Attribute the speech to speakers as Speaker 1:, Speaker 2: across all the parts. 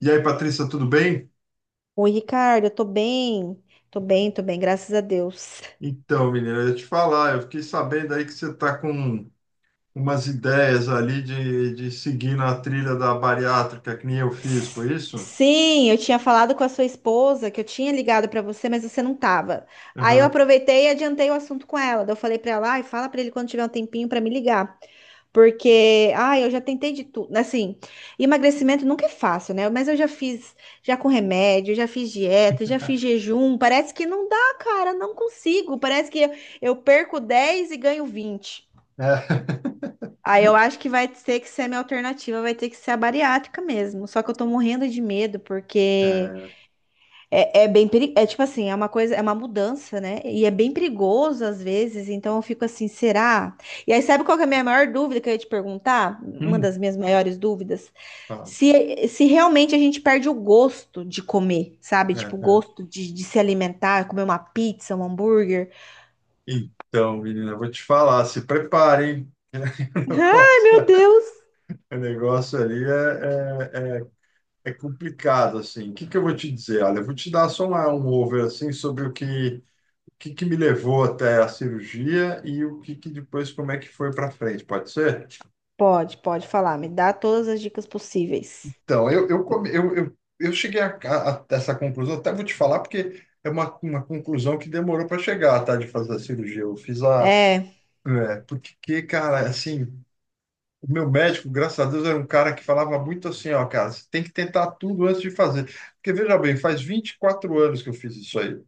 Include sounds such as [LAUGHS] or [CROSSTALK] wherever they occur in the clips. Speaker 1: E aí, Patrícia, tudo bem?
Speaker 2: Oi, Ricardo, eu tô bem. Tô bem, tô bem, graças a Deus.
Speaker 1: Então, menina, eu ia te falar, eu fiquei sabendo aí que você está com umas ideias ali de seguir na trilha da bariátrica, que nem eu fiz,
Speaker 2: S-
Speaker 1: foi isso?
Speaker 2: Sim, eu tinha falado com a sua esposa que eu tinha ligado pra você, mas você não tava. Aí eu
Speaker 1: Aham.
Speaker 2: aproveitei e adiantei o assunto com ela. Daí eu falei pra ela, ai, fala pra ele quando tiver um tempinho pra me ligar, porque, ai, eu já tentei de tudo, assim, emagrecimento nunca é fácil, né? Mas eu já fiz, já com remédio, já fiz dieta, já fiz jejum, parece que não dá, cara, não consigo. Parece que eu perco 10 e ganho 20.
Speaker 1: É. [LAUGHS]
Speaker 2: Aí eu acho que vai ter que ser a minha alternativa, vai ter que ser a bariátrica mesmo. Só que eu tô morrendo de medo, porque
Speaker 1: É.
Speaker 2: é bem perigoso. É tipo assim, é uma coisa, é uma mudança, né? E é bem perigoso às vezes, então eu fico assim, será? E aí, sabe qual que é a minha maior dúvida que eu ia te perguntar? Uma
Speaker 1: Hum.
Speaker 2: das minhas maiores dúvidas.
Speaker 1: Tá.
Speaker 2: Se realmente a gente perde o gosto de comer, sabe?
Speaker 1: É,
Speaker 2: Tipo, o
Speaker 1: é.
Speaker 2: gosto de se alimentar, comer uma pizza, um hambúrguer.
Speaker 1: Então, menina, eu vou te falar, se preparem. [LAUGHS]
Speaker 2: Ai, meu
Speaker 1: O
Speaker 2: Deus!
Speaker 1: o negócio ali é complicado, assim. O que que eu vou te dizer? Olha, eu vou te dar só um over, assim, sobre o que que me levou até a cirurgia e o que que depois, como é que foi para frente, pode ser?
Speaker 2: Pode, pode falar, me dá todas as dicas possíveis.
Speaker 1: Então, eu, come- eu cheguei a essa conclusão, até vou te falar, porque é uma conclusão que demorou para chegar, tá, de fazer a cirurgia. Eu fiz a...
Speaker 2: É,
Speaker 1: É, porque, cara, assim, o meu médico, graças a Deus, era um cara que falava muito assim, ó, cara, você tem que tentar tudo antes de fazer. Porque, veja bem, faz 24 anos que eu fiz isso aí.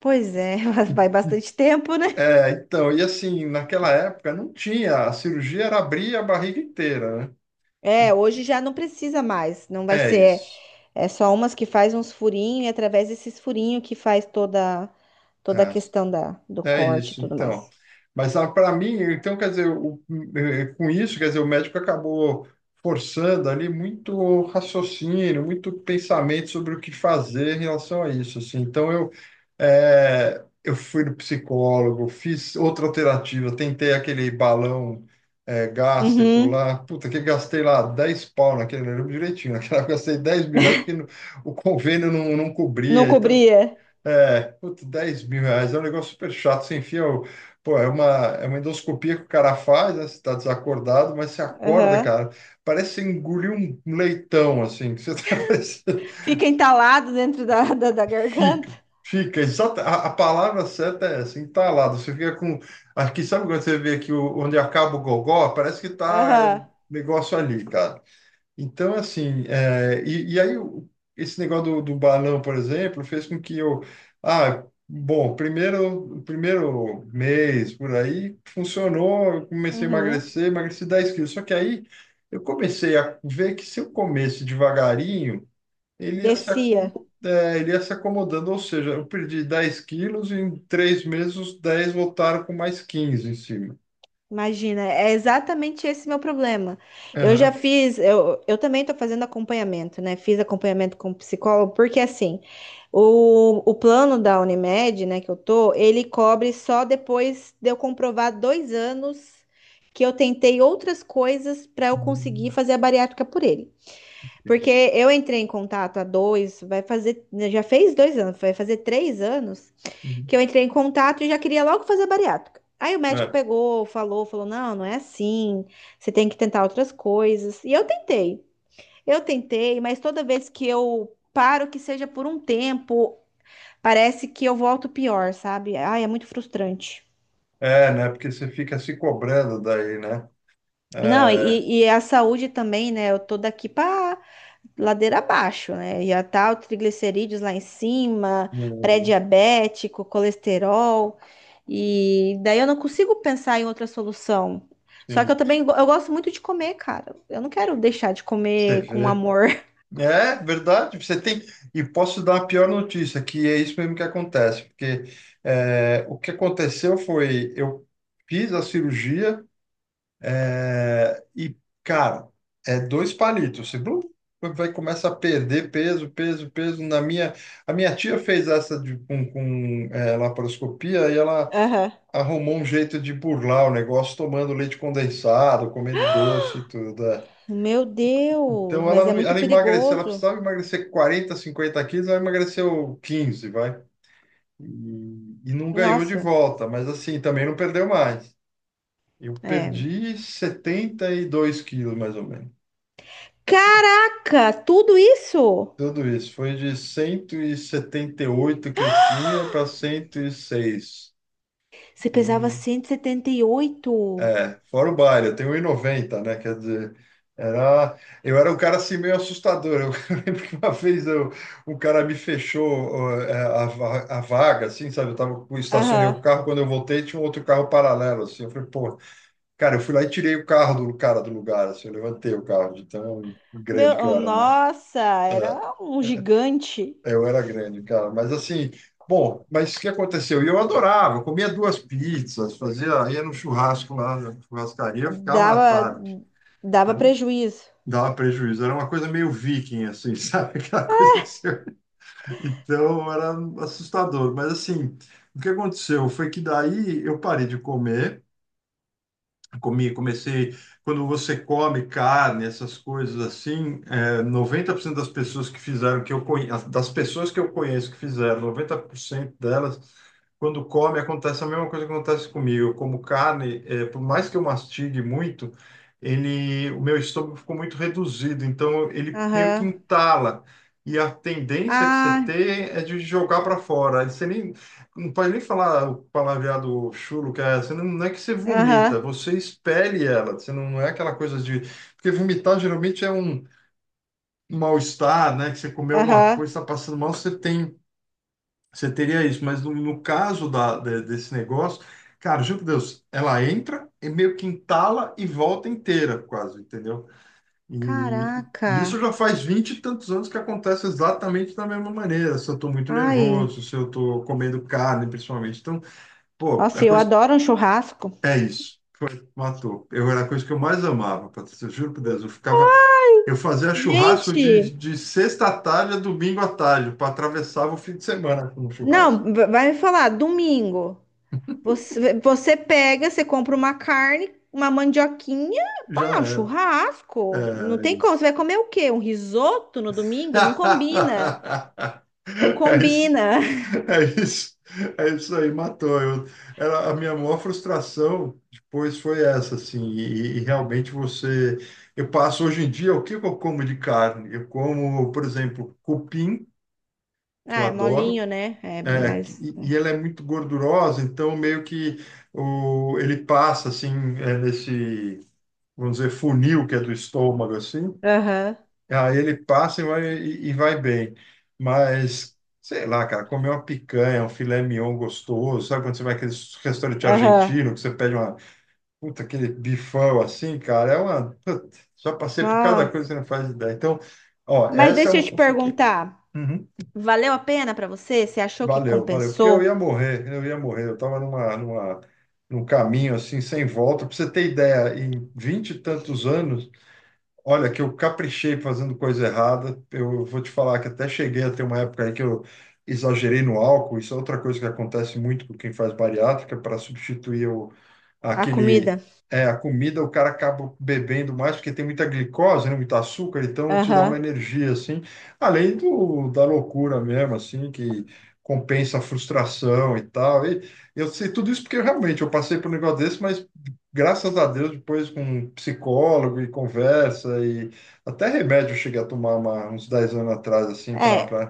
Speaker 2: pois é, [LAUGHS] vai bastante tempo, né?
Speaker 1: É, então, e assim, naquela época não tinha, a cirurgia era abrir a barriga inteira, né?
Speaker 2: É, hoje já não precisa mais, não vai
Speaker 1: É
Speaker 2: ser,
Speaker 1: isso.
Speaker 2: é só umas que faz uns furinhos e através desses furinhos que faz toda a
Speaker 1: É.
Speaker 2: questão da, do
Speaker 1: É
Speaker 2: corte e
Speaker 1: isso,
Speaker 2: tudo
Speaker 1: então.
Speaker 2: mais.
Speaker 1: Mas para mim, então, quer dizer, com isso, quer dizer, o médico acabou forçando ali muito raciocínio, muito pensamento sobre o que fazer em relação a isso, assim. Então, eu fui no psicólogo, fiz outra alternativa, tentei aquele balão, gástrico
Speaker 2: Uhum,
Speaker 1: lá, puta, que gastei lá 10 pau naquele, eu lembro direitinho, naquela [LAUGHS] gastei R$ 10.000 porque não- o convênio não
Speaker 2: não
Speaker 1: cobria, então...
Speaker 2: cobria.
Speaker 1: É, putz, R$ 10.000 é um negócio super chato. Você enfia o. Pô, é uma endoscopia que o cara faz, né? Você tá desacordado, mas você acorda,
Speaker 2: Aham.
Speaker 1: cara. Parece que você engoliu um leitão, assim, que você tá [LAUGHS] parecendo.
Speaker 2: Fica entalado dentro da, [LAUGHS] da, da garganta.
Speaker 1: Fica, fica. Exata, a palavra certa é essa, entalado. Você fica com. Aqui, sabe quando você vê aqui onde acaba o gogó? Parece que tá é,
Speaker 2: Aham.
Speaker 1: negócio ali, cara. Então, assim, e aí esse negócio do balão, por exemplo, fez com que eu, ah, bom, primeiro, primeiro mês por aí funcionou, eu comecei a
Speaker 2: Uhum.
Speaker 1: emagrecer, emagreci 10 quilos. Só que aí eu comecei a ver que se eu comesse devagarinho,
Speaker 2: Descia.
Speaker 1: ele ia se acomodando, ou seja, eu perdi 10 quilos e em 3 meses os 10 voltaram com mais 15 em cima.
Speaker 2: Imagina, é exatamente esse meu problema. Eu já
Speaker 1: Aham.
Speaker 2: fiz, eu também estou fazendo acompanhamento, né? Fiz acompanhamento com psicólogo, porque assim, o plano da Unimed, né, que eu tô, ele cobre só depois de eu comprovar 2 anos que eu tentei outras coisas para eu conseguir fazer a bariátrica por ele. Porque eu entrei em contato há dois, vai fazer, já fez 2 anos, vai fazer 3 anos
Speaker 1: Uhum.
Speaker 2: que eu entrei em contato e já queria logo fazer bariátrica. Aí o médico pegou, falou, falou: não, não é assim, você tem que tentar outras coisas. E eu tentei, mas toda vez que eu paro, que seja por um tempo, parece que eu volto pior, sabe? Ai, é muito frustrante.
Speaker 1: É, né? Porque você fica se cobrando daí, né?
Speaker 2: Não,
Speaker 1: É,
Speaker 2: e a saúde também, né? Eu tô daqui para ladeira abaixo, né? Já tá o triglicerídeos lá em cima,
Speaker 1: hum,
Speaker 2: pré-diabético, colesterol. E daí eu não consigo pensar em outra solução. Só que eu
Speaker 1: sim,
Speaker 2: também go- eu gosto muito de comer, cara. Eu não quero deixar de
Speaker 1: você
Speaker 2: comer com
Speaker 1: vê.
Speaker 2: amor.
Speaker 1: É verdade, você tem. E posso dar a pior notícia, que é isso mesmo que acontece, porque é, o que aconteceu foi, eu fiz a cirurgia é, e, cara, é dois palitos. Você blum, vai começa a perder peso, peso, peso. Na minha, a minha tia fez essa com é, laparoscopia e ela
Speaker 2: [LAUGHS] Aham.
Speaker 1: arrumou um jeito de burlar o negócio tomando leite condensado, comendo doce e tudo. É.
Speaker 2: Meu Deus,
Speaker 1: Então
Speaker 2: mas
Speaker 1: ela,
Speaker 2: é
Speaker 1: não-
Speaker 2: muito
Speaker 1: ela emagreceu, ela
Speaker 2: perigoso.
Speaker 1: precisava emagrecer 40, 50 quilos, ela emagreceu 15, vai. E, e não ganhou de
Speaker 2: Nossa,
Speaker 1: volta, mas assim, também não perdeu mais. Eu
Speaker 2: é.
Speaker 1: perdi 72 quilos, mais ou menos.
Speaker 2: Caraca, tudo isso?
Speaker 1: Tudo isso. Foi de 178 que eu tinha para 106.
Speaker 2: Você
Speaker 1: E seis.
Speaker 2: pesava
Speaker 1: E
Speaker 2: cento e setenta e oito.
Speaker 1: fora o baile, eu tenho 1,90, né? Quer dizer, era, eu era um cara assim meio assustador. Eu [LAUGHS] lembro que uma vez eu, um cara me fechou ó, é, a vaga, assim, sabe? Eu tava, eu estacionei
Speaker 2: Aham.
Speaker 1: o carro, quando eu voltei tinha um outro carro paralelo, assim. Eu falei, pô, cara, eu fui lá e tirei o carro do cara do lugar, assim, eu levantei o carro de tão grande que
Speaker 2: Meu,
Speaker 1: eu era, né?
Speaker 2: nossa,
Speaker 1: É,
Speaker 2: era um gigante.
Speaker 1: eu era grande, cara, mas assim. Bom, mas o que aconteceu? E eu adorava, eu comia duas pizzas, fazia, ia no churrasco lá, na churrascaria, eu ficava à
Speaker 2: Dava,
Speaker 1: tarde. Né?
Speaker 2: dava prejuízo.
Speaker 1: Dava prejuízo. Era uma coisa meio viking, assim, [LAUGHS] sabe? Aquela coisa que você... Então, era assustador. Mas, assim, o que aconteceu foi que daí eu parei de comer. Comi, comecei. Quando você come carne, essas coisas assim, é, 90% das pessoas que fizeram, que eu conheço, das pessoas que eu conheço que fizeram, 90% delas, quando come, acontece a mesma coisa que acontece comigo. Eu como carne, é, por mais que eu mastigue muito, ele, o meu estômago ficou muito reduzido, então ele meio que
Speaker 2: Aham.
Speaker 1: entala. E a tendência que você
Speaker 2: Ah,
Speaker 1: tem é de jogar para fora. Você nem, não pode nem falar o palavreado chulo, que é, você não é que você vomita,
Speaker 2: aham,
Speaker 1: você expele ela. Você não é aquela coisa de. Porque vomitar geralmente é um mal-estar, né? Que você comeu alguma
Speaker 2: aham.
Speaker 1: coisa, está passando mal, você tem, você teria isso. Mas no caso da, desse negócio, cara, juro por Deus, ela entra e meio que entala e volta inteira, quase, entendeu? E, e isso
Speaker 2: Caraca.
Speaker 1: já faz 20 e tantos anos que acontece exatamente da mesma maneira. Se eu estou muito
Speaker 2: Ai.
Speaker 1: nervoso, se eu estou comendo carne, principalmente. Então, pô,
Speaker 2: Nossa,
Speaker 1: é
Speaker 2: eu
Speaker 1: coisa.
Speaker 2: adoro um churrasco.
Speaker 1: É isso, matou. Eu era a coisa que eu mais amava, Patrícia, eu juro por Deus. Eu ficava, eu fazia churrasco
Speaker 2: Gente,
Speaker 1: de sexta à tarde a domingo à tarde, para atravessava o fim de semana com o churrasco.
Speaker 2: não, vai me falar, domingo. Você pega, você compra uma carne, uma mandioquinha,
Speaker 1: Já
Speaker 2: pá, um
Speaker 1: era.
Speaker 2: churrasco. Não
Speaker 1: É
Speaker 2: tem como. Você
Speaker 1: isso.
Speaker 2: vai comer o quê? Um risoto no domingo? Não combina.
Speaker 1: [LAUGHS]
Speaker 2: Não
Speaker 1: É isso,
Speaker 2: combina. [LAUGHS]
Speaker 1: é isso, é isso aí, matou. Eu, era a minha maior frustração depois foi essa, assim, e realmente você. Eu passo hoje em dia, o que que eu como de carne? Eu como, por exemplo, cupim, que eu
Speaker 2: Ah, é
Speaker 1: adoro,
Speaker 2: molinho, né? É,
Speaker 1: é,
Speaker 2: mas.
Speaker 1: e ela é muito gordurosa, então meio que o, ele passa assim, é, nesse, vamos dizer, funil que é do estômago, assim,
Speaker 2: Aham,
Speaker 1: aí ele passa e vai, e vai bem. Mas, sei lá, cara, comer uma picanha, um filé mignon gostoso, sabe quando você vai naqueles restaurante
Speaker 2: aham.
Speaker 1: argentino, que você pede uma, puta, aquele bifão assim, cara, é uma, puta, já passei por cada coisa
Speaker 2: Nossa.
Speaker 1: que você não faz ideia. Então, ó,
Speaker 2: Mas
Speaker 1: essa é
Speaker 2: deixa eu
Speaker 1: uma
Speaker 2: te
Speaker 1: consequência.
Speaker 2: perguntar,
Speaker 1: Uhum.
Speaker 2: valeu a pena pra você? Você achou que
Speaker 1: Valeu, valeu. Porque eu ia
Speaker 2: compensou
Speaker 1: morrer, eu ia morrer. Eu estava num caminho assim, sem volta. Para você ter ideia, em 20 e tantos anos, olha, que eu caprichei fazendo coisa errada. Eu vou te falar que até cheguei a ter uma época aí que eu exagerei no álcool. Isso é outra coisa que acontece muito com quem faz bariátrica, para substituir o,
Speaker 2: a
Speaker 1: aquele,
Speaker 2: comida?
Speaker 1: é, a comida, o cara acaba bebendo mais, porque tem muita glicose, né, muito açúcar, então te dá uma
Speaker 2: Aham.
Speaker 1: energia, assim, além do, da loucura mesmo, assim, que compensa a frustração e tal. E eu sei tudo isso porque realmente eu passei por um negócio desse, mas graças a Deus, depois com um psicólogo e conversa e até remédio eu cheguei a tomar uns 10 anos atrás, assim,
Speaker 2: É,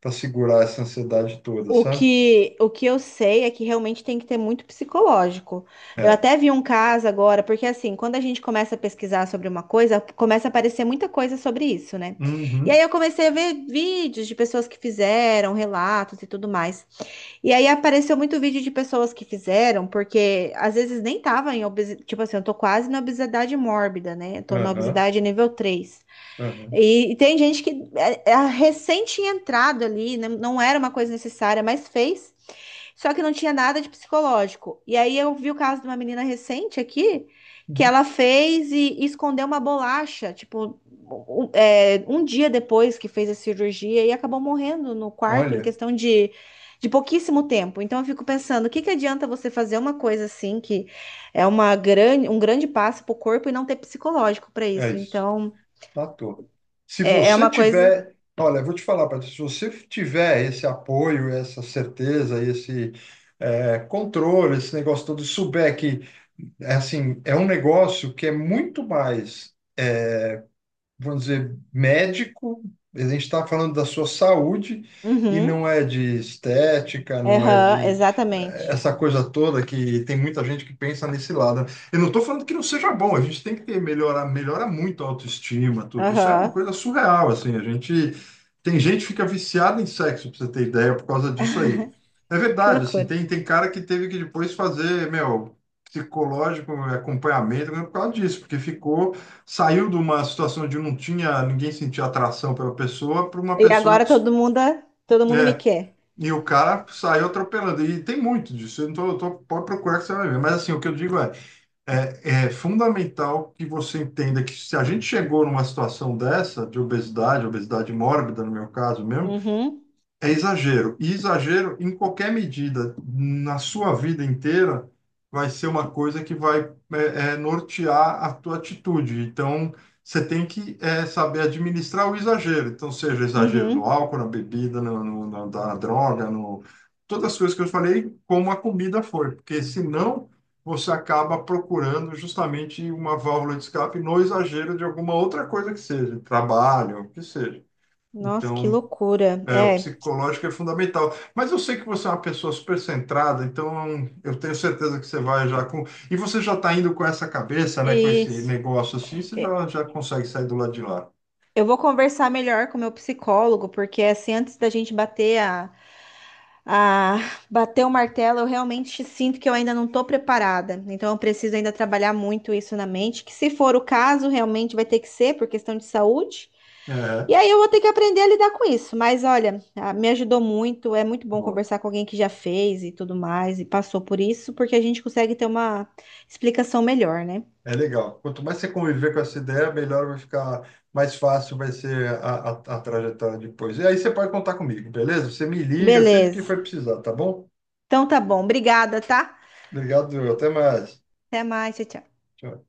Speaker 1: para segurar essa ansiedade toda,
Speaker 2: O
Speaker 1: sabe?
Speaker 2: que, o que eu sei é que realmente tem que ter muito psicológico. Eu
Speaker 1: É.
Speaker 2: até vi um caso agora, porque assim, quando a gente começa a pesquisar sobre uma coisa, começa a aparecer muita coisa sobre isso, né? E aí
Speaker 1: Uhum,
Speaker 2: eu comecei a ver vídeos de pessoas que fizeram, relatos e tudo mais. E aí apareceu muito vídeo de pessoas que fizeram, porque às vezes nem tava em obesidade, tipo assim, eu tô quase na obesidade mórbida, né? Eu tô na
Speaker 1: aham,
Speaker 2: obesidade nível 3.
Speaker 1: aham.
Speaker 2: E tem gente que é recém tinha entrado ali, não, não era uma coisa necessária, mas fez. Só que não tinha nada de psicológico. E aí eu vi o caso de uma menina recente aqui, que
Speaker 1: Uhum.
Speaker 2: ela fez e escondeu uma bolacha, tipo, um dia depois que fez a cirurgia e acabou morrendo no quarto em
Speaker 1: Olha,
Speaker 2: questão de pouquíssimo tempo. Então eu fico pensando, o que que adianta você fazer uma coisa assim que é uma grande, um grande passo para o corpo e não ter psicológico para
Speaker 1: é
Speaker 2: isso?
Speaker 1: isso.
Speaker 2: Então
Speaker 1: Matou. Se
Speaker 2: é
Speaker 1: você
Speaker 2: uma coisa.
Speaker 1: tiver, olha, eu vou te falar, Patrícia, se você tiver esse apoio, essa certeza, esse controle, esse negócio todo, e souber que, é assim, é um negócio que é muito mais, vamos dizer, médico, a gente está falando da sua saúde e
Speaker 2: Uhum.
Speaker 1: não é de estética, não é
Speaker 2: Aham,
Speaker 1: de
Speaker 2: exatamente.
Speaker 1: essa coisa toda que tem muita gente que pensa nesse lado. Eu não estou falando que não seja bom, a gente tem que ter, melhorar, melhora muito a autoestima, tudo. Isso é uma
Speaker 2: Aham.
Speaker 1: coisa surreal, assim, a gente tem gente que fica viciada em sexo, para você ter ideia, por causa disso aí. É
Speaker 2: Que
Speaker 1: verdade, assim,
Speaker 2: loucura.
Speaker 1: tem cara que teve que depois fazer, meu, psicológico, acompanhamento, por causa disso, porque ficou saiu de uma situação de não tinha, ninguém sentia atração pela pessoa, para uma
Speaker 2: E
Speaker 1: pessoa
Speaker 2: agora
Speaker 1: que.
Speaker 2: todo mundo me
Speaker 1: É,
Speaker 2: quer.
Speaker 1: e o cara saiu atropelando. E tem muito disso. Eu não tô, eu tô- pode procurar que você vai ver. Mas assim, o que eu digo é, é fundamental que você entenda que se a gente chegou numa situação dessa, de obesidade, obesidade mórbida, no meu caso mesmo,
Speaker 2: Uhum.
Speaker 1: é exagero. E exagero em qualquer medida, na sua vida inteira, vai ser uma coisa que vai nortear a tua atitude. Então, você tem que é, saber administrar o exagero. Então, seja exagero no
Speaker 2: Uhum.
Speaker 1: álcool, na bebida, na droga, no... todas as coisas que eu falei, como a comida foi. Porque senão você acaba procurando justamente uma válvula de escape no exagero de alguma outra coisa que seja, trabalho, o que seja.
Speaker 2: Nossa, que
Speaker 1: Então,
Speaker 2: loucura.
Speaker 1: é, o
Speaker 2: É,
Speaker 1: psicológico é fundamental. Mas eu sei que você é uma pessoa super centrada, então eu tenho certeza que você vai já com. E você já está indo com essa cabeça,
Speaker 2: é
Speaker 1: né? Com esse
Speaker 2: isso.
Speaker 1: negócio assim, você
Speaker 2: É,
Speaker 1: já consegue sair do lado de lá.
Speaker 2: eu vou conversar melhor com o meu psicólogo, porque assim, antes da gente a bater o martelo, eu realmente sinto que eu ainda não estou preparada. Então, eu preciso ainda trabalhar muito isso na mente, que se for o caso, realmente vai ter que ser por questão de saúde.
Speaker 1: É,
Speaker 2: E aí eu vou ter que aprender a lidar com isso. Mas olha, ah, me ajudou muito. É muito bom
Speaker 1: boa.
Speaker 2: conversar com alguém que já fez e tudo mais e passou por isso, porque a gente consegue ter uma explicação melhor, né?
Speaker 1: É legal. Quanto mais você conviver com essa ideia, melhor vai ficar, mais fácil vai ser a trajetória depois. E aí você pode contar comigo, beleza? Você me liga sempre que
Speaker 2: Beleza.
Speaker 1: for precisar, tá bom?
Speaker 2: Então tá bom. Obrigada, tá?
Speaker 1: Obrigado, até mais.
Speaker 2: Até mais. Tchau, tchau.
Speaker 1: Tchau.